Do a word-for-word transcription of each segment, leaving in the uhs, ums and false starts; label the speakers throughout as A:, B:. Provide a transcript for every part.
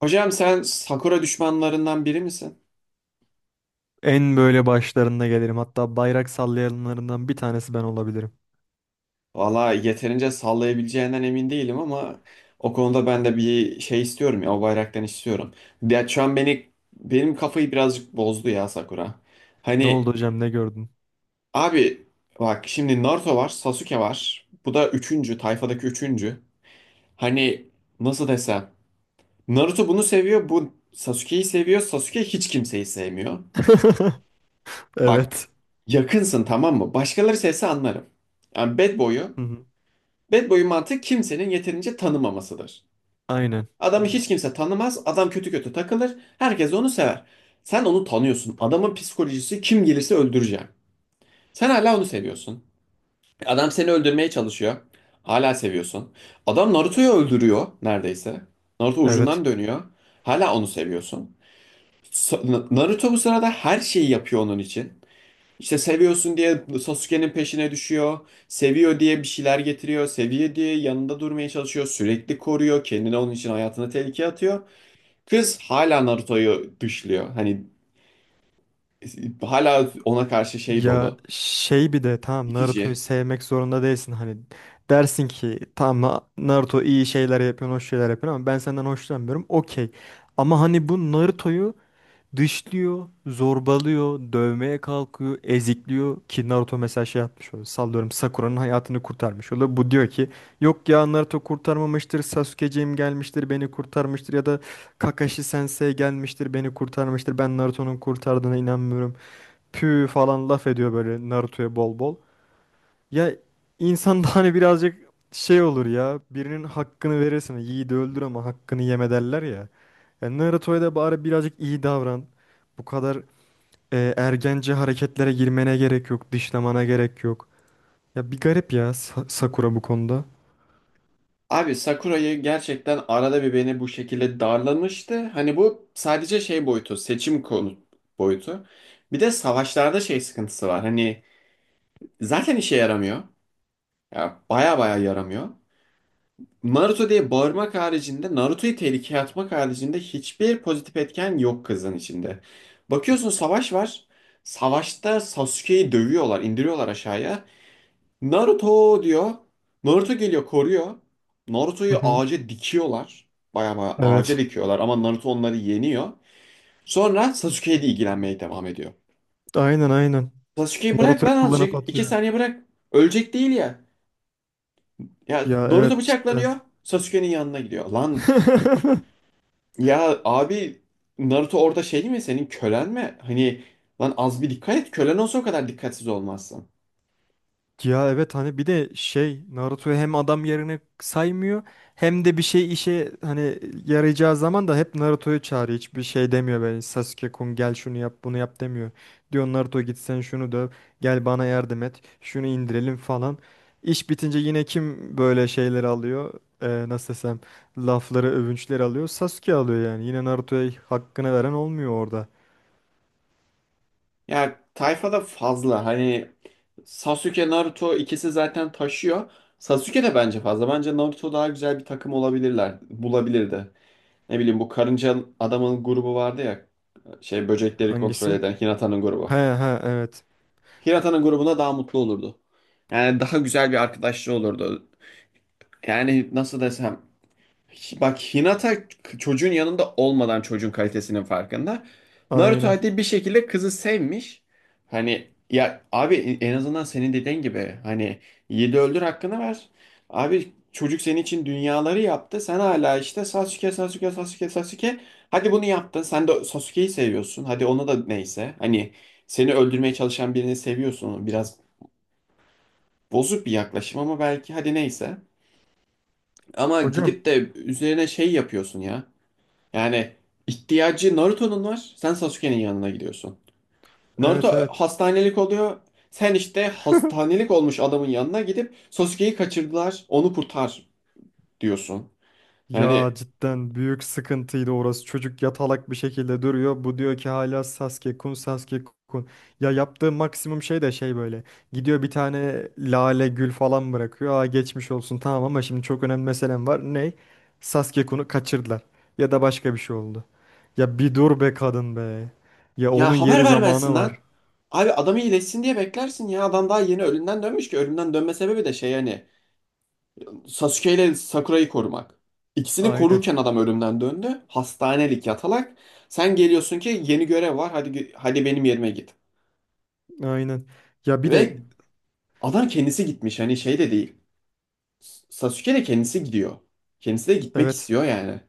A: Hocam sen Sakura düşmanlarından biri misin?
B: En böyle başlarında gelirim. Hatta bayrak sallayanlarından bir tanesi ben olabilirim.
A: Valla yeterince sallayabileceğinden emin değilim ama o konuda ben de bir şey istiyorum ya, o bayraktan istiyorum. Ya şu an beni benim kafayı birazcık bozdu ya Sakura.
B: Ne
A: Hani
B: oldu hocam, ne gördün?
A: abi, bak şimdi Naruto var, Sasuke var. Bu da üçüncü, tayfadaki üçüncü. Hani nasıl desem, Naruto bunu seviyor, bu Sasuke'yi seviyor. Sasuke hiç kimseyi sevmiyor. Bak,
B: Evet.
A: yakınsın tamam mı? Başkaları sevse anlarım. Yani Bad Boy'u,
B: Hı hı.
A: Bad boy'un mantığı kimsenin yeterince tanımamasıdır.
B: Aynen.
A: Adamı hiç kimse tanımaz, adam kötü kötü takılır, herkes onu sever. Sen onu tanıyorsun. Adamın psikolojisi kim gelirse öldüreceğim. Sen hala onu seviyorsun. Adam seni öldürmeye çalışıyor. Hala seviyorsun. Adam Naruto'yu öldürüyor neredeyse. Naruto ucundan
B: Evet.
A: dönüyor. Hala onu seviyorsun. Sa- Na- Naruto bu sırada her şeyi yapıyor onun için. İşte seviyorsun diye Sasuke'nin peşine düşüyor. Seviyor diye bir şeyler getiriyor. Seviyor diye yanında durmaya çalışıyor. Sürekli koruyor. Kendini onun için hayatını tehlikeye atıyor. Kız hala Naruto'yu dışlıyor. Hani e, hala ona karşı şey
B: Ya
A: dolu.
B: şey bir de tamam, Naruto'yu
A: İtici.
B: sevmek zorunda değilsin. Hani dersin ki tamam, Na- Naruto iyi şeyler yapıyor, hoş şeyler yapıyor ama ben senden hoşlanmıyorum. Okey. Ama hani bu Naruto'yu dışlıyor, zorbalıyor, dövmeye kalkıyor, ezikliyor ki Naruto mesela şey yapmış oluyor. Sallıyorum, Sakura'nın hayatını kurtarmış oluyor. Bu diyor ki yok ya, Naruto kurtarmamıştır, Sasuke'ciğim gelmiştir beni kurtarmıştır ya da Kakashi Sensei gelmiştir beni kurtarmıştır. Ben Naruto'nun kurtardığına inanmıyorum. Pü falan laf ediyor böyle Naruto'ya bol bol. Ya, insan da hani birazcık şey olur ya. Birinin hakkını verirsin. Yiğidi öldür ama hakkını yeme derler ya. Ya Naruto'ya da bari birazcık iyi davran. Bu kadar e, ergence hareketlere girmene gerek yok. Dışlamana gerek yok. Ya bir garip ya Sa- Sakura bu konuda.
A: Abi Sakura'yı gerçekten arada bir beni bu şekilde darlamıştı. Hani bu sadece şey boyutu, seçim konu boyutu. Bir de savaşlarda şey sıkıntısı var. Hani zaten işe yaramıyor. Ya baya baya yaramıyor. Naruto diye bağırmak haricinde, Naruto'yu tehlikeye atmak haricinde hiçbir pozitif etken yok kızın içinde. Bakıyorsun savaş var. Savaşta Sasuke'yi dövüyorlar, indiriyorlar aşağıya. Naruto diyor. Naruto geliyor, koruyor.
B: Hı
A: Naruto'yu
B: hı.
A: ağaca dikiyorlar. Baya baya ağaca
B: Evet.
A: dikiyorlar ama Naruto onları yeniyor. Sonra Sasuke'ye de ilgilenmeye devam ediyor.
B: Aynen, aynen.
A: Sasuke'yi bırak
B: Naruto
A: lan
B: kullanıp
A: azıcık. İki
B: atıyor.
A: saniye bırak. Ölecek değil ya. Ya
B: Ya
A: Naruto
B: evet, cidden.
A: bıçaklanıyor. Sasuke'nin yanına gidiyor. Lan, ya abi, Naruto orada şey değil mi, senin kölen mi? Hani lan az bir dikkat et, kölen olsa o kadar dikkatsiz olmazsın.
B: Ya evet, hani bir de şey, Naruto'yu hem adam yerine saymıyor hem de bir şey işe hani yarayacağı zaman da hep Naruto'yu çağırıyor. Hiçbir şey demiyor böyle, Sasuke-kun gel şunu yap bunu yap demiyor. Diyor Naruto git sen şunu döv, gel bana yardım et şunu indirelim falan. İş bitince yine kim böyle şeyleri alıyor? Ee, nasıl desem, lafları, övünçleri alıyor, Sasuke alıyor yani. Yine Naruto'ya hakkını veren olmuyor orada.
A: Ya tayfada fazla, hani Sasuke Naruto ikisi zaten taşıyor. Sasuke de bence fazla. Bence Naruto daha güzel bir takım olabilirler. Bulabilirdi. Ne bileyim, bu karınca adamın grubu vardı ya. Şey, böcekleri kontrol
B: Hangisi?
A: eden Hinata'nın
B: He
A: grubu.
B: he, evet,
A: Hinata'nın grubuna daha mutlu olurdu. Yani daha güzel bir arkadaşlığı olurdu. Yani nasıl desem, bak Hinata çocuğun yanında olmadan çocuğun kalitesinin farkında. Naruto
B: aynen.
A: hadi bir şekilde kızı sevmiş. Hani ya abi, e, en azından senin dediğin gibi hani yedi öldür hakkını ver. Abi çocuk senin için dünyaları yaptı. Sen hala işte Sasuke Sasuke Sasuke Sasuke. Hadi bunu yaptın. Sen de Sasuke'yi seviyorsun. Hadi ona da neyse. Hani seni öldürmeye çalışan birini seviyorsun. Biraz bozuk bir yaklaşım ama belki hadi neyse. Ama
B: Hocam,
A: gidip de üzerine şey yapıyorsun ya. Yani ihtiyacı Naruto'nun var. Sen Sasuke'nin yanına gidiyorsun. Naruto
B: evet
A: e,
B: evet.
A: hastanelik oluyor. Sen işte hastanelik olmuş adamın yanına gidip Sasuke'yi kaçırdılar, onu kurtar diyorsun.
B: Ya
A: Yani
B: cidden büyük sıkıntıydı orası. Çocuk yatalak bir şekilde duruyor. Bu diyor ki hala Sasuke kun, Sasuke kun. Ya yaptığı maksimum şey de şey böyle. Gidiyor bir tane lale gül falan bırakıyor. Aa, geçmiş olsun tamam ama şimdi çok önemli meselem var. Ney? Sasuke kun'u kaçırdılar. Ya da başka bir şey oldu. Ya bir dur be kadın be. Ya
A: ya
B: onun
A: haber
B: yeri
A: vermezsin
B: zamanı var.
A: lan. Abi adamı iyileşsin diye beklersin ya. Adam daha yeni ölümden dönmüş ki. Ölümden dönme sebebi de şey hani Sasuke ile Sakura'yı korumak. İkisini
B: Aynen,
A: korurken adam ölümden döndü. Hastanelik yatalak. Sen geliyorsun ki yeni görev var. Hadi hadi benim yerime git.
B: aynen. Ya bir
A: Ve
B: de
A: adam kendisi gitmiş hani, şey de değil. Sasuke de kendisi gidiyor. Kendisi de gitmek
B: evet.
A: istiyor yani.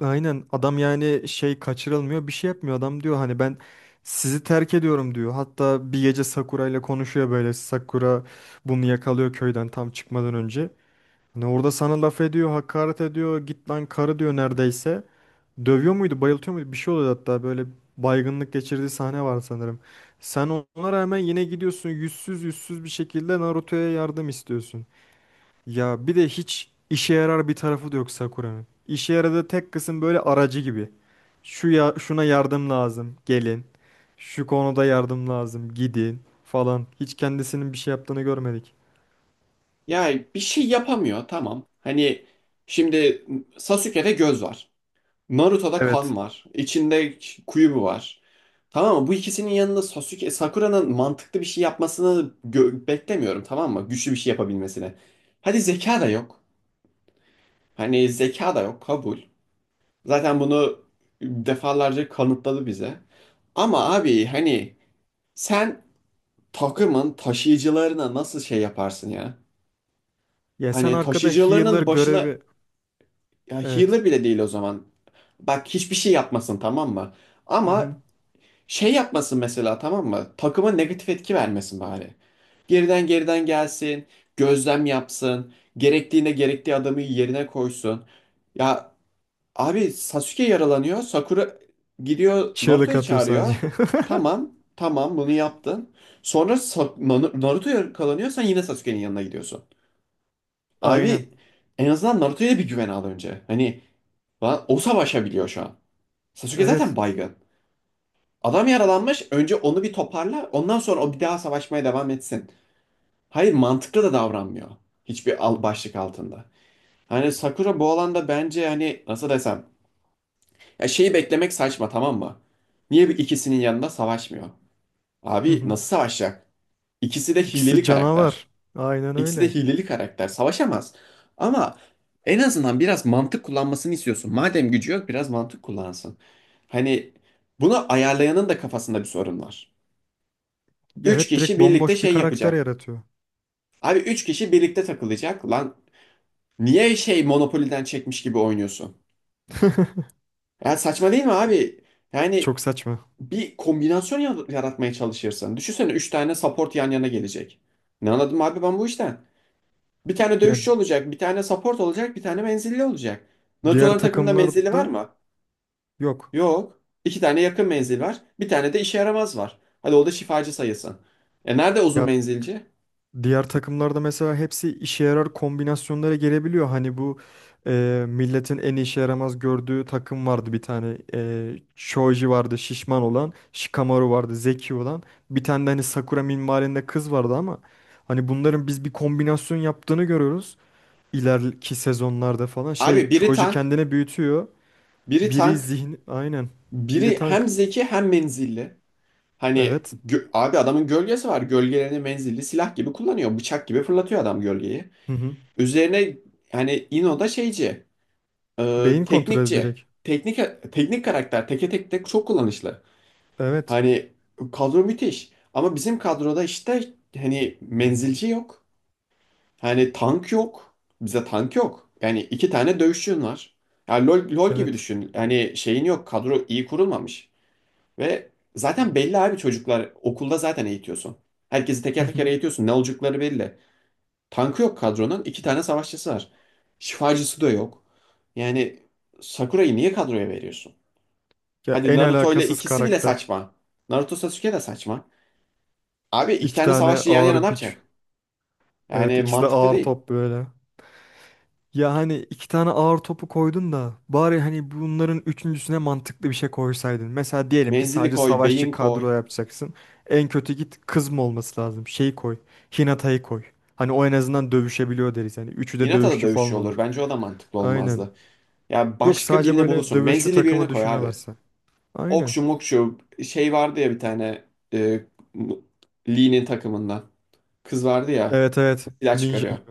B: Aynen, adam yani şey, kaçırılmıyor, bir şey yapmıyor adam, diyor hani ben sizi terk ediyorum diyor. Hatta bir gece Sakura ile konuşuyor böyle, Sakura bunu yakalıyor köyden tam çıkmadan önce. Hani orada sana laf ediyor, hakaret ediyor, git lan karı diyor neredeyse. Dövüyor muydu, bayıltıyor muydu, bir şey oluyor hatta böyle, baygınlık geçirdiği sahne var sanırım. Sen ona rağmen yine gidiyorsun yüzsüz yüzsüz bir şekilde Naruto'ya yardım istiyorsun. Ya bir de hiç işe yarar bir tarafı da yok Sakura'nın. İşe yaradığı tek kısım böyle aracı gibi. Şu ya, şuna yardım lazım, gelin. Şu konuda yardım lazım, gidin falan. Hiç kendisinin bir şey yaptığını görmedik.
A: Yani bir şey yapamıyor tamam. Hani şimdi Sasuke'de göz var. Naruto'da
B: Evet.
A: kan var. İçinde kuyubu var. Tamam mı? Bu ikisinin yanında Sasuke, Sakura'nın mantıklı bir şey yapmasını gö- beklemiyorum tamam mı? Güçlü bir şey yapabilmesini. Hadi zeka da yok. Hani zeka da yok, kabul. Zaten bunu defalarca kanıtladı bize. Ama abi hani sen takımın taşıyıcılarına nasıl şey yaparsın ya?
B: Ya sen
A: Hani
B: arkada healer
A: taşıyıcılarının başına,
B: görevi.
A: ya
B: Evet.
A: healer bile değil o zaman. Bak hiçbir şey yapmasın tamam mı?
B: Hı hı.
A: Ama şey yapmasın mesela tamam mı? Takıma negatif etki vermesin bari. Geriden geriden gelsin, gözlem yapsın, gerektiğinde gerektiği adamı yerine koysun. Ya abi Sasuke yaralanıyor. Sakura gidiyor
B: Çığlık
A: Naruto'yu
B: atıyor
A: çağırıyor.
B: sadece.
A: Tamam, tamam bunu yaptın. Sonra Sa- Na- Naruto yakalanıyor. Sen yine Sasuke'nin yanına gidiyorsun.
B: Aynen.
A: Abi en azından Naruto'ya bir güven al önce. Hani lan o savaşabiliyor şu an. Sasuke zaten
B: Evet.
A: baygın. Adam yaralanmış. Önce onu bir toparla. Ondan sonra o bir daha savaşmaya devam etsin. Hayır mantıklı da davranmıyor. Hiçbir al başlık altında. Hani Sakura bu alanda bence hani nasıl desem, ya şeyi beklemek saçma tamam mı? Niye bir ikisinin yanında savaşmıyor?
B: Hı
A: Abi
B: hı.
A: nasıl savaşacak? İkisi de
B: İkisi
A: hileli karakter.
B: canavar. Aynen
A: İkisi de
B: öyle.
A: hileli karakter. Savaşamaz. Ama en azından biraz mantık kullanmasını istiyorsun. Madem gücü yok biraz mantık kullansın. Hani bunu ayarlayanın da kafasında bir sorun var. Üç
B: Evet,
A: kişi
B: direkt
A: birlikte
B: bomboş bir
A: şey
B: karakter
A: yapacak.
B: yaratıyor.
A: Abi üç kişi birlikte takılacak. Lan niye şey Monopoly'den çekmiş gibi oynuyorsun? Ya saçma değil mi abi? Yani
B: Çok saçma.
A: bir kombinasyon ya- yaratmaya çalışırsın. Düşünsene üç tane support yan yana gelecek. Ne anladım abi ben bu işten? Bir tane
B: Ya
A: dövüşçü olacak, bir tane support olacak, bir tane menzilli olacak.
B: diğer
A: Naruto'ların takımında menzilli var
B: takımlarda
A: mı?
B: yok.
A: Yok. İki tane yakın menzil var. Bir tane de işe yaramaz var. Hadi o da şifacı sayılsın. E nerede uzun
B: Ya
A: menzilci?
B: diğer takımlarda mesela hepsi işe yarar kombinasyonlara gelebiliyor. Hani bu e, milletin en işe yaramaz gördüğü takım vardı bir tane. E, Shoji vardı şişman olan. Shikamaru vardı zeki olan. Bir tane de hani Sakura minvalinde kız vardı ama hani bunların biz bir kombinasyon yaptığını görüyoruz. İleriki sezonlarda falan. Şey,
A: Abi biri
B: Shoji
A: tank,
B: kendini büyütüyor.
A: biri
B: Biri
A: tank,
B: zihin, aynen. Biri
A: biri hem
B: tank.
A: zeki hem menzilli. Hani
B: Evet.
A: gö- abi adamın gölgesi var. Gölgelerini menzilli silah gibi kullanıyor. Bıçak gibi fırlatıyor adam gölgeyi.
B: Hı hı.
A: Üzerine hani İno da şeyci, e,
B: Beyin kontrolü
A: teknikçi,
B: direkt.
A: teknik teknik karakter teke tek tek çok kullanışlı.
B: Evet.
A: Hani kadro müthiş ama bizim kadroda işte hani menzilci yok. Hani tank yok. Bize tank yok. Yani iki tane dövüşçün var. Yani LoL, LoL gibi
B: Evet.
A: düşün. Yani şeyin yok. Kadro iyi kurulmamış. Ve zaten belli abi, çocuklar okulda zaten eğitiyorsun. Herkesi teker teker eğitiyorsun. Ne olacakları belli. Tankı yok kadronun. İki tane savaşçısı var. Şifacısı da yok. Yani Sakura'yı niye kadroya veriyorsun?
B: Ya
A: Hadi
B: en
A: Naruto ile
B: alakasız
A: ikisi bile
B: karakter.
A: saçma. Naruto Sasuke de saçma. Abi iki
B: İki
A: tane
B: tane
A: savaşçı yan
B: ağır
A: yana ne
B: güç.
A: yapacak?
B: Evet,
A: Yani
B: ikisi de
A: mantıklı
B: ağır
A: değil.
B: top böyle. Ya hani iki tane ağır topu koydun da bari hani bunların üçüncüsüne mantıklı bir şey koysaydın. Mesela diyelim ki
A: Menzili
B: sadece
A: koy,
B: savaşçı
A: beyin koy.
B: kadro yapacaksın. En kötü git, kız mı olması lazım? Şeyi koy. Hinata'yı koy. Hani o en azından dövüşebiliyor deriz. Hani üçü de
A: Hinata da
B: dövüşçü falan
A: dövüşüyor olur.
B: olur.
A: Bence o da mantıklı
B: Aynen.
A: olmazdı. Ya
B: Yok,
A: başka
B: sadece
A: birini
B: böyle
A: bulursun.
B: dövüşçü
A: Menzilli birini
B: takımı
A: koy abi.
B: düşünüyorlarsa. Aynen.
A: Okşu mokşu şey vardı ya bir tane, e, Lee'nin takımında. Kız vardı ya.
B: Evet evet.
A: Silah
B: Ninja
A: çıkarıyor.
B: gibi.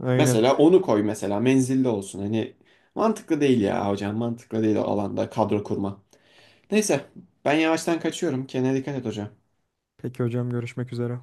B: Aynen.
A: Mesela onu koy, mesela menzilde olsun. Hani mantıklı değil ya hocam, mantıklı değil o alanda kadro kurma. Neyse, ben yavaştan kaçıyorum. Kendine dikkat et hocam.
B: Peki hocam, görüşmek üzere.